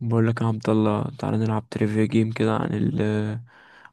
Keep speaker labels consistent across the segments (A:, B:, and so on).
A: بقول لك يا عبد الله، تعالى نلعب تريفيا جيم كده عن ال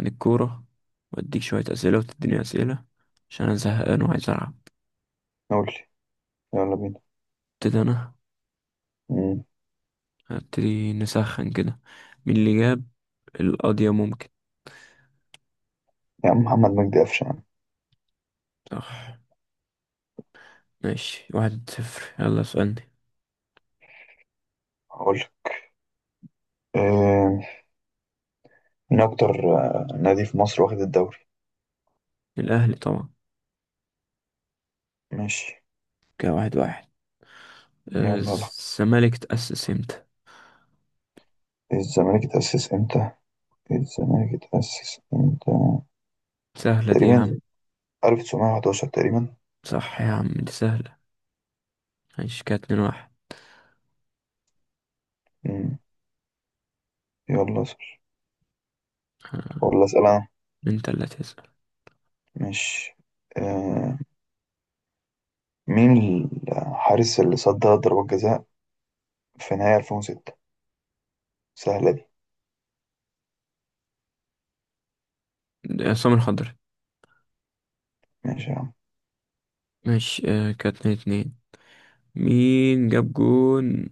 A: عن الكورة. واديك شوية أسئلة وتديني أسئلة، عشان أنا زهقان وعايز ألعب.
B: قول لي. يلا بينا.
A: ابتدي أنا.
B: مم.
A: هبتدي نسخن كده. مين اللي جاب القضية؟ ممكن.
B: يا عم محمد مجدي قفشه يا عم.
A: صح. ماشي واحد صفر، يلا اسألني.
B: هقول لك. آه، مين اكتر نادي في مصر واخد الدوري؟
A: الأهلي طبعا.
B: ماشي.
A: كده واحد واحد.
B: يلا. لا،
A: الزمالك تأسس امتى؟
B: الزمالك اتأسس امتى الزمالك اتأسس امتى؟
A: سهلة دي يا عم.
B: تقريبا 1911 تقريبا.
A: صح يا عم دي سهلة. ماشي كده اتنين واحد.
B: مم. يلا اسأل
A: آه،
B: ولا اسأل انا؟
A: انت اللي هتسأل.
B: ماشي. آه، مين الحارس اللي صد ثلاث ضربات جزاء في نهاية 2006؟ سهلة دي.
A: عصام الخضري.
B: ماشي يا عم.
A: ماشي. كده اتنين اتنين. مين جاب جون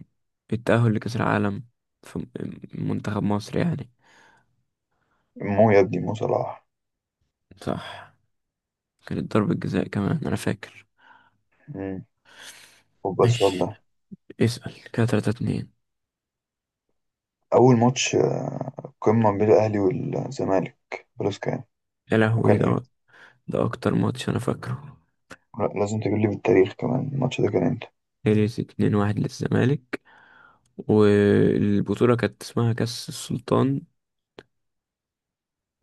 A: التأهل لكأس العالم في منتخب مصر يعني؟
B: مو يا ابني، مو صلاح.
A: صح. كانت ضربة جزاء كمان أنا فاكر.
B: مم. خد بس
A: ماشي
B: والله.
A: اسأل. كده تلاتة اتنين.
B: أول ماتش قمة ما بين الأهلي والزمالك خلاص كان،
A: يا لهوي
B: وكان
A: ده.
B: امتى؟
A: ده أكتر ماتش أنا فاكره.
B: لا، لازم تقول لي بالتاريخ كمان، الماتش ده كان امتى؟
A: خلص اتنين واحد للزمالك. والبطولة كانت اسمها كأس السلطان.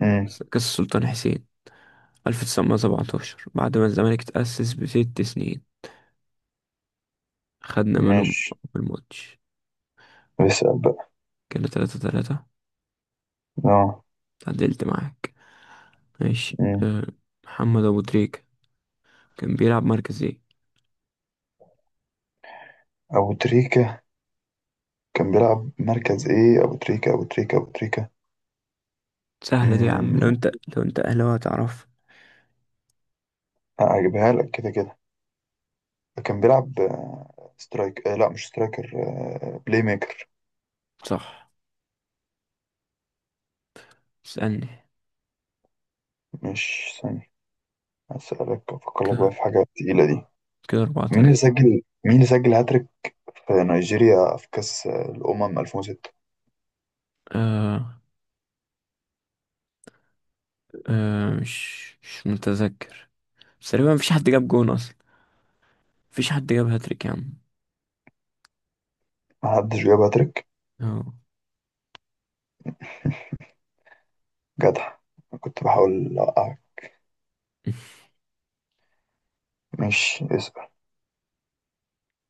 B: امم
A: كأس السلطان حسين 1917، بعد ما الزمالك تأسس بست سنين. خدنا منهم.
B: ماشي.
A: أول ماتش.
B: بسأل بقى.
A: كده تلاتة تلاتة.
B: اه.
A: تعدلت معاك. ماشي
B: امم
A: أه. محمد ابو تريكة كان بيلعب مركز ايه؟
B: أبو تريكة كان بيلعب مركز إيه؟ أبو تريكة أبو تريكة أبو تريكة
A: سهلة دي يا عم لو
B: امم
A: انت، لو انت اهلاوي هتعرف.
B: أجيبها لك كده كده. كان بيلعب سترايك، لا مش سترايكر، بلاي ميكر.
A: صح. اسألني.
B: مش ثانية. هسألك أفكر لك
A: كده
B: بقى في حاجة تقيلة دي.
A: كده اربعة تلاتة.
B: مين اللي سجل هاتريك في نيجيريا في كأس الأمم 2006؟
A: أه. أه مش متذكر. بس تقريبا مفيش حد جاب جون اصلا. مفيش حد جاب هاتريك يا عم.
B: محدش جاب هاتريك؟
A: اه.
B: جدع، كنت بحاول أوقعك. مش اسأل.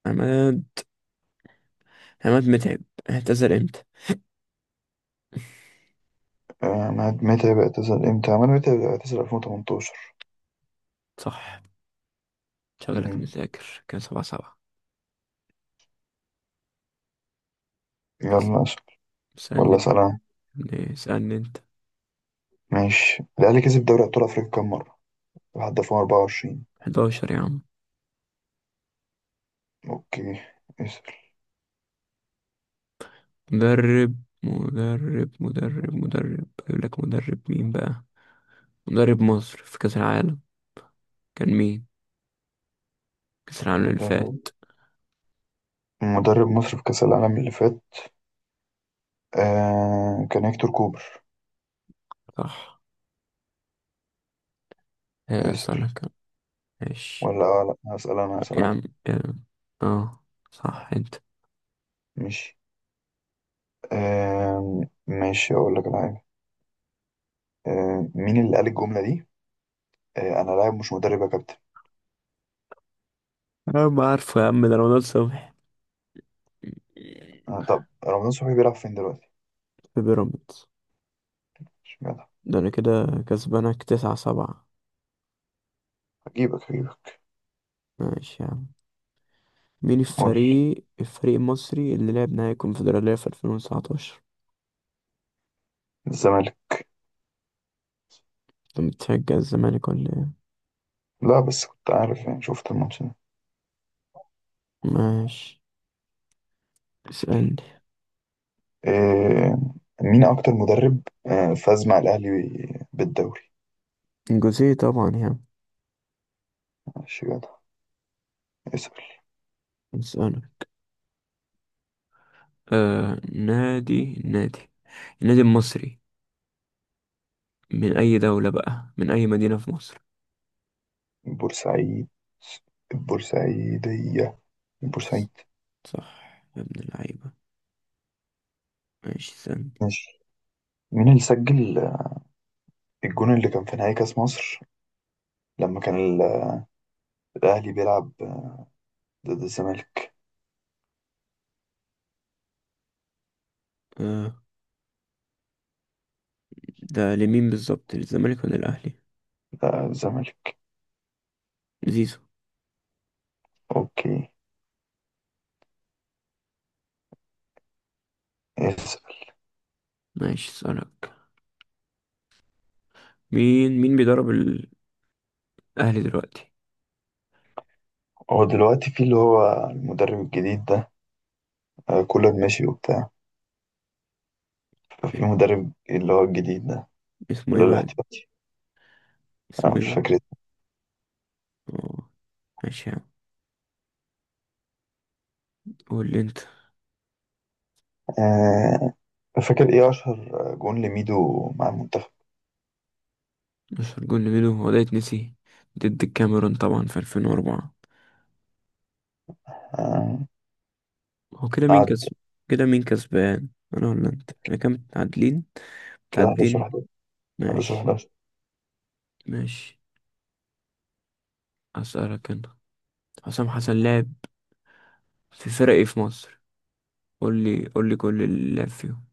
A: عماد، متعب اعتذر امتى؟
B: آه، مهد متى بيعتزل امتى؟ عماد متى بيعتزل؟ 2018.
A: صح. شغلك
B: مم.
A: مذاكر. كان سبعة سبعة. بس-
B: يلا اسأل ولا
A: اسألني.
B: سلام.
A: اسألني انت.
B: ماشي. الأهلي كسب دوري أبطال أفريقيا كام مرة؟ لحد 2024.
A: 11 يا عم.
B: أوكي. اسأل.
A: مدرب مدرب اجيب لك. مدرب مين بقى؟ مدرب مصر في كأس العالم كان مين؟ كأس العالم اللي
B: مدرب
A: فات.
B: مدرب مصر في كأس العالم اللي فات؟ آه كان هيكتور كوبر.
A: صح. آه
B: اسأل.
A: سنة كان. ماشي
B: ولا لا، هسأل
A: يا
B: أنا.
A: عم. يا عم. اه. صح انت.
B: ماشي. آه ماشي، أقول لك على حاجة. مين اللي قال الجملة دي؟ أنا لاعب مش مدرب يا كابتن.
A: انا ما عارفه يا عم، ده رمضان صبحي.
B: طب رمضان صبحي بيلعب فين دلوقتي؟
A: في بيراميدز.
B: اشمعنى؟
A: ده انا كده كسبانك تسعة سبعة.
B: هجيبك هجيبك.
A: ماشي يا عم. مين
B: قول.
A: الفريق، المصري اللي لعب نهائي الكونفدرالية في 2019؟
B: الزمالك.
A: انت بتشجع الزمالك ولا ايه؟
B: لا، بس كنت عارف يعني، شفت الماتش ده.
A: ماشي اسألني.
B: إيه، مين أكتر مدرب فاز مع الأهلي بالدوري؟
A: جوزيه طبعا يعني.
B: ماشي جدع. اسأل.
A: نسأله. آه نادي نادي النادي المصري من أي دولة بقى، من أي مدينة في مصر؟
B: بورسعيد، البورسعيدية، البورسعيد.
A: صح يا ابن اللعيبة. ماشي استنى.
B: ماشي. مين اللي سجل الجون اللي كان في نهائي كأس مصر لما كان الأهلي بيلعب ضد الزمالك؟
A: آه. ده لمين بالظبط، للزمالك ولا الأهلي؟
B: لا، الزمالك.
A: زيزو.
B: أوكي. اسأل.
A: ماشي اسألك. مين بيدرب الأهلي دلوقتي؟
B: هو دلوقتي في اللي هو المدرب الجديد ده، كولر ماشي وبتاع، ففي مدرب اللي هو الجديد ده
A: اسمه
B: اللي
A: ايه
B: هو
A: بقى؟
B: الاحتياطي.
A: اسمه
B: أنا
A: ايه
B: مش
A: بقى؟
B: فاكر اسمه.
A: اه. ماشي يا عم. قول لي انت.
B: آه، فاكر إيه أشهر جون لميدو مع المنتخب؟
A: مش هرجون لميدو هو ده يتنسي. ضد الكاميرون طبعا في 2004.
B: آه،
A: هو كده مين
B: قعد.
A: كسب؟ كده مين كسبان، انا ولا انت؟ احنا كام متعادلين؟
B: كده 11
A: متعادلين.
B: 11. 11
A: ماشي.
B: 11.
A: ماشي. هسألك انا. حسام حسن لعب في فرق ايه في مصر؟ قول لي، قول لي كل اللي لعب فيهم.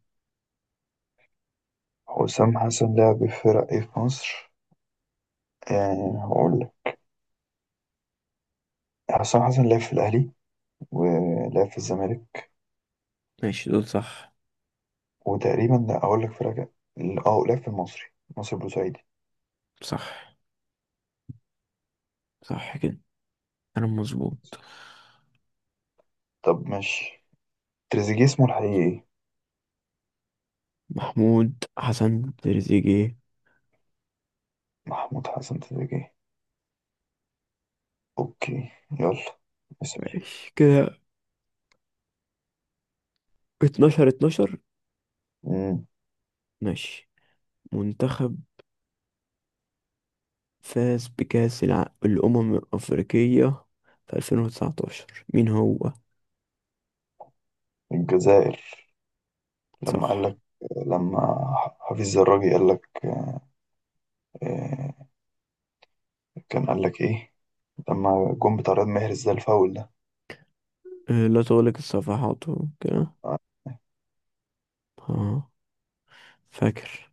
B: حسام حسن لعب في فرق إيه في مصر؟ هقول لك. حسام حسن لعب في الأهلي، ولعب في الزمالك،
A: ماشي دول صح.
B: وتقريبا، لا أقول لك فرق كام. اه، لعب في المصري، مصر بورسعيدي.
A: صح صح كده. انا مظبوط.
B: طب ماشي. تريزيجيه اسمه الحقيقي إيه؟
A: محمود حسن تريزيجيه.
B: محمود حسن تريزيجيه. أوكي. يلا
A: ماشي كده 12 12.
B: اسأل.
A: ماشي. منتخب فاز بكأس الأمم الأفريقية في 2019، مين هو؟
B: الجزائر. لما قال
A: صح.
B: لك، لما حفيظ الراجي قال لك، آه، كان قال لك إيه لما جون بتاع رياض محرز ده الفاول ده؟
A: لا تغلق الصفحات وكده. اه فاكر.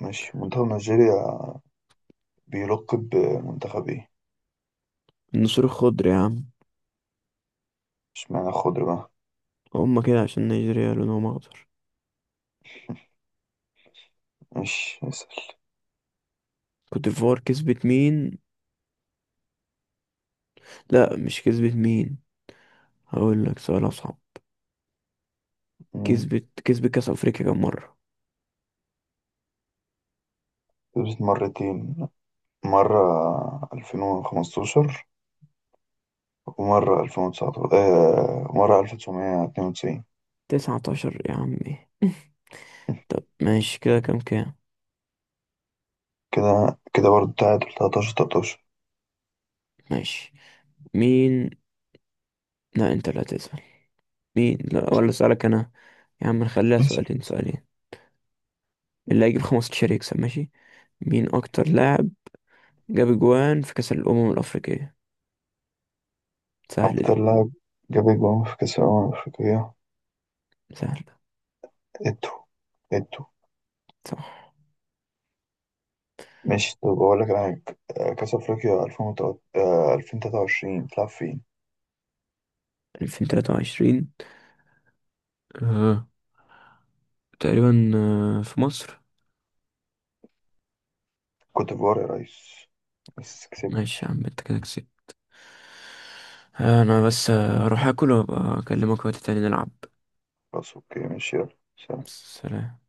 B: مش منتخب نيجيريا بيلق بمنتخب إيه؟
A: النسور الخضر يا عم.
B: مش معنى خضر بقى.
A: هما كده عشان نيجيريا لونهم اخضر.
B: مش اسأل.
A: كوت ديفوار كسبت مين؟ لا مش كسبت مين، هقول لك سؤال اصعب.
B: مم.
A: كسبت كاس افريقيا كام مره؟
B: كسبت مرتين، مرة 2015 ومرة 2019، مرة 1992.
A: 19 يا عمي طب ماشي كده كام كام.
B: كده كده برضه تعادل 13 13.
A: ماشي. مين. لا انت لا تسأل. مين. لا، ولا اسألك انا. يا عم نخليها
B: ماشي.
A: سؤالين سؤالين، اللي هيجيب 15 يكسب ماشي؟ مين اكتر لاعب جاب جوان في كأس الأمم الأفريقية؟ سهلة
B: أكتر
A: دي.
B: لاعب جاب أجوان في كأس الأمم الأفريقية؟
A: سهلة.
B: اتو، اتو.
A: صح.
B: ماشي، طب بقول لك انا، كاس افريقيا 2023 بتلعب فين؟
A: 2023. آه. تقريبا في مصر.
B: كوت ديفوار يا ريس، بس كسبت.
A: ماشي يا عم انت كده كسبت. انا بس اروح اكل وابقى اكلمك وقت تاني نلعب.
B: خلاص اوكي ماشي يلا سلام.
A: سلام.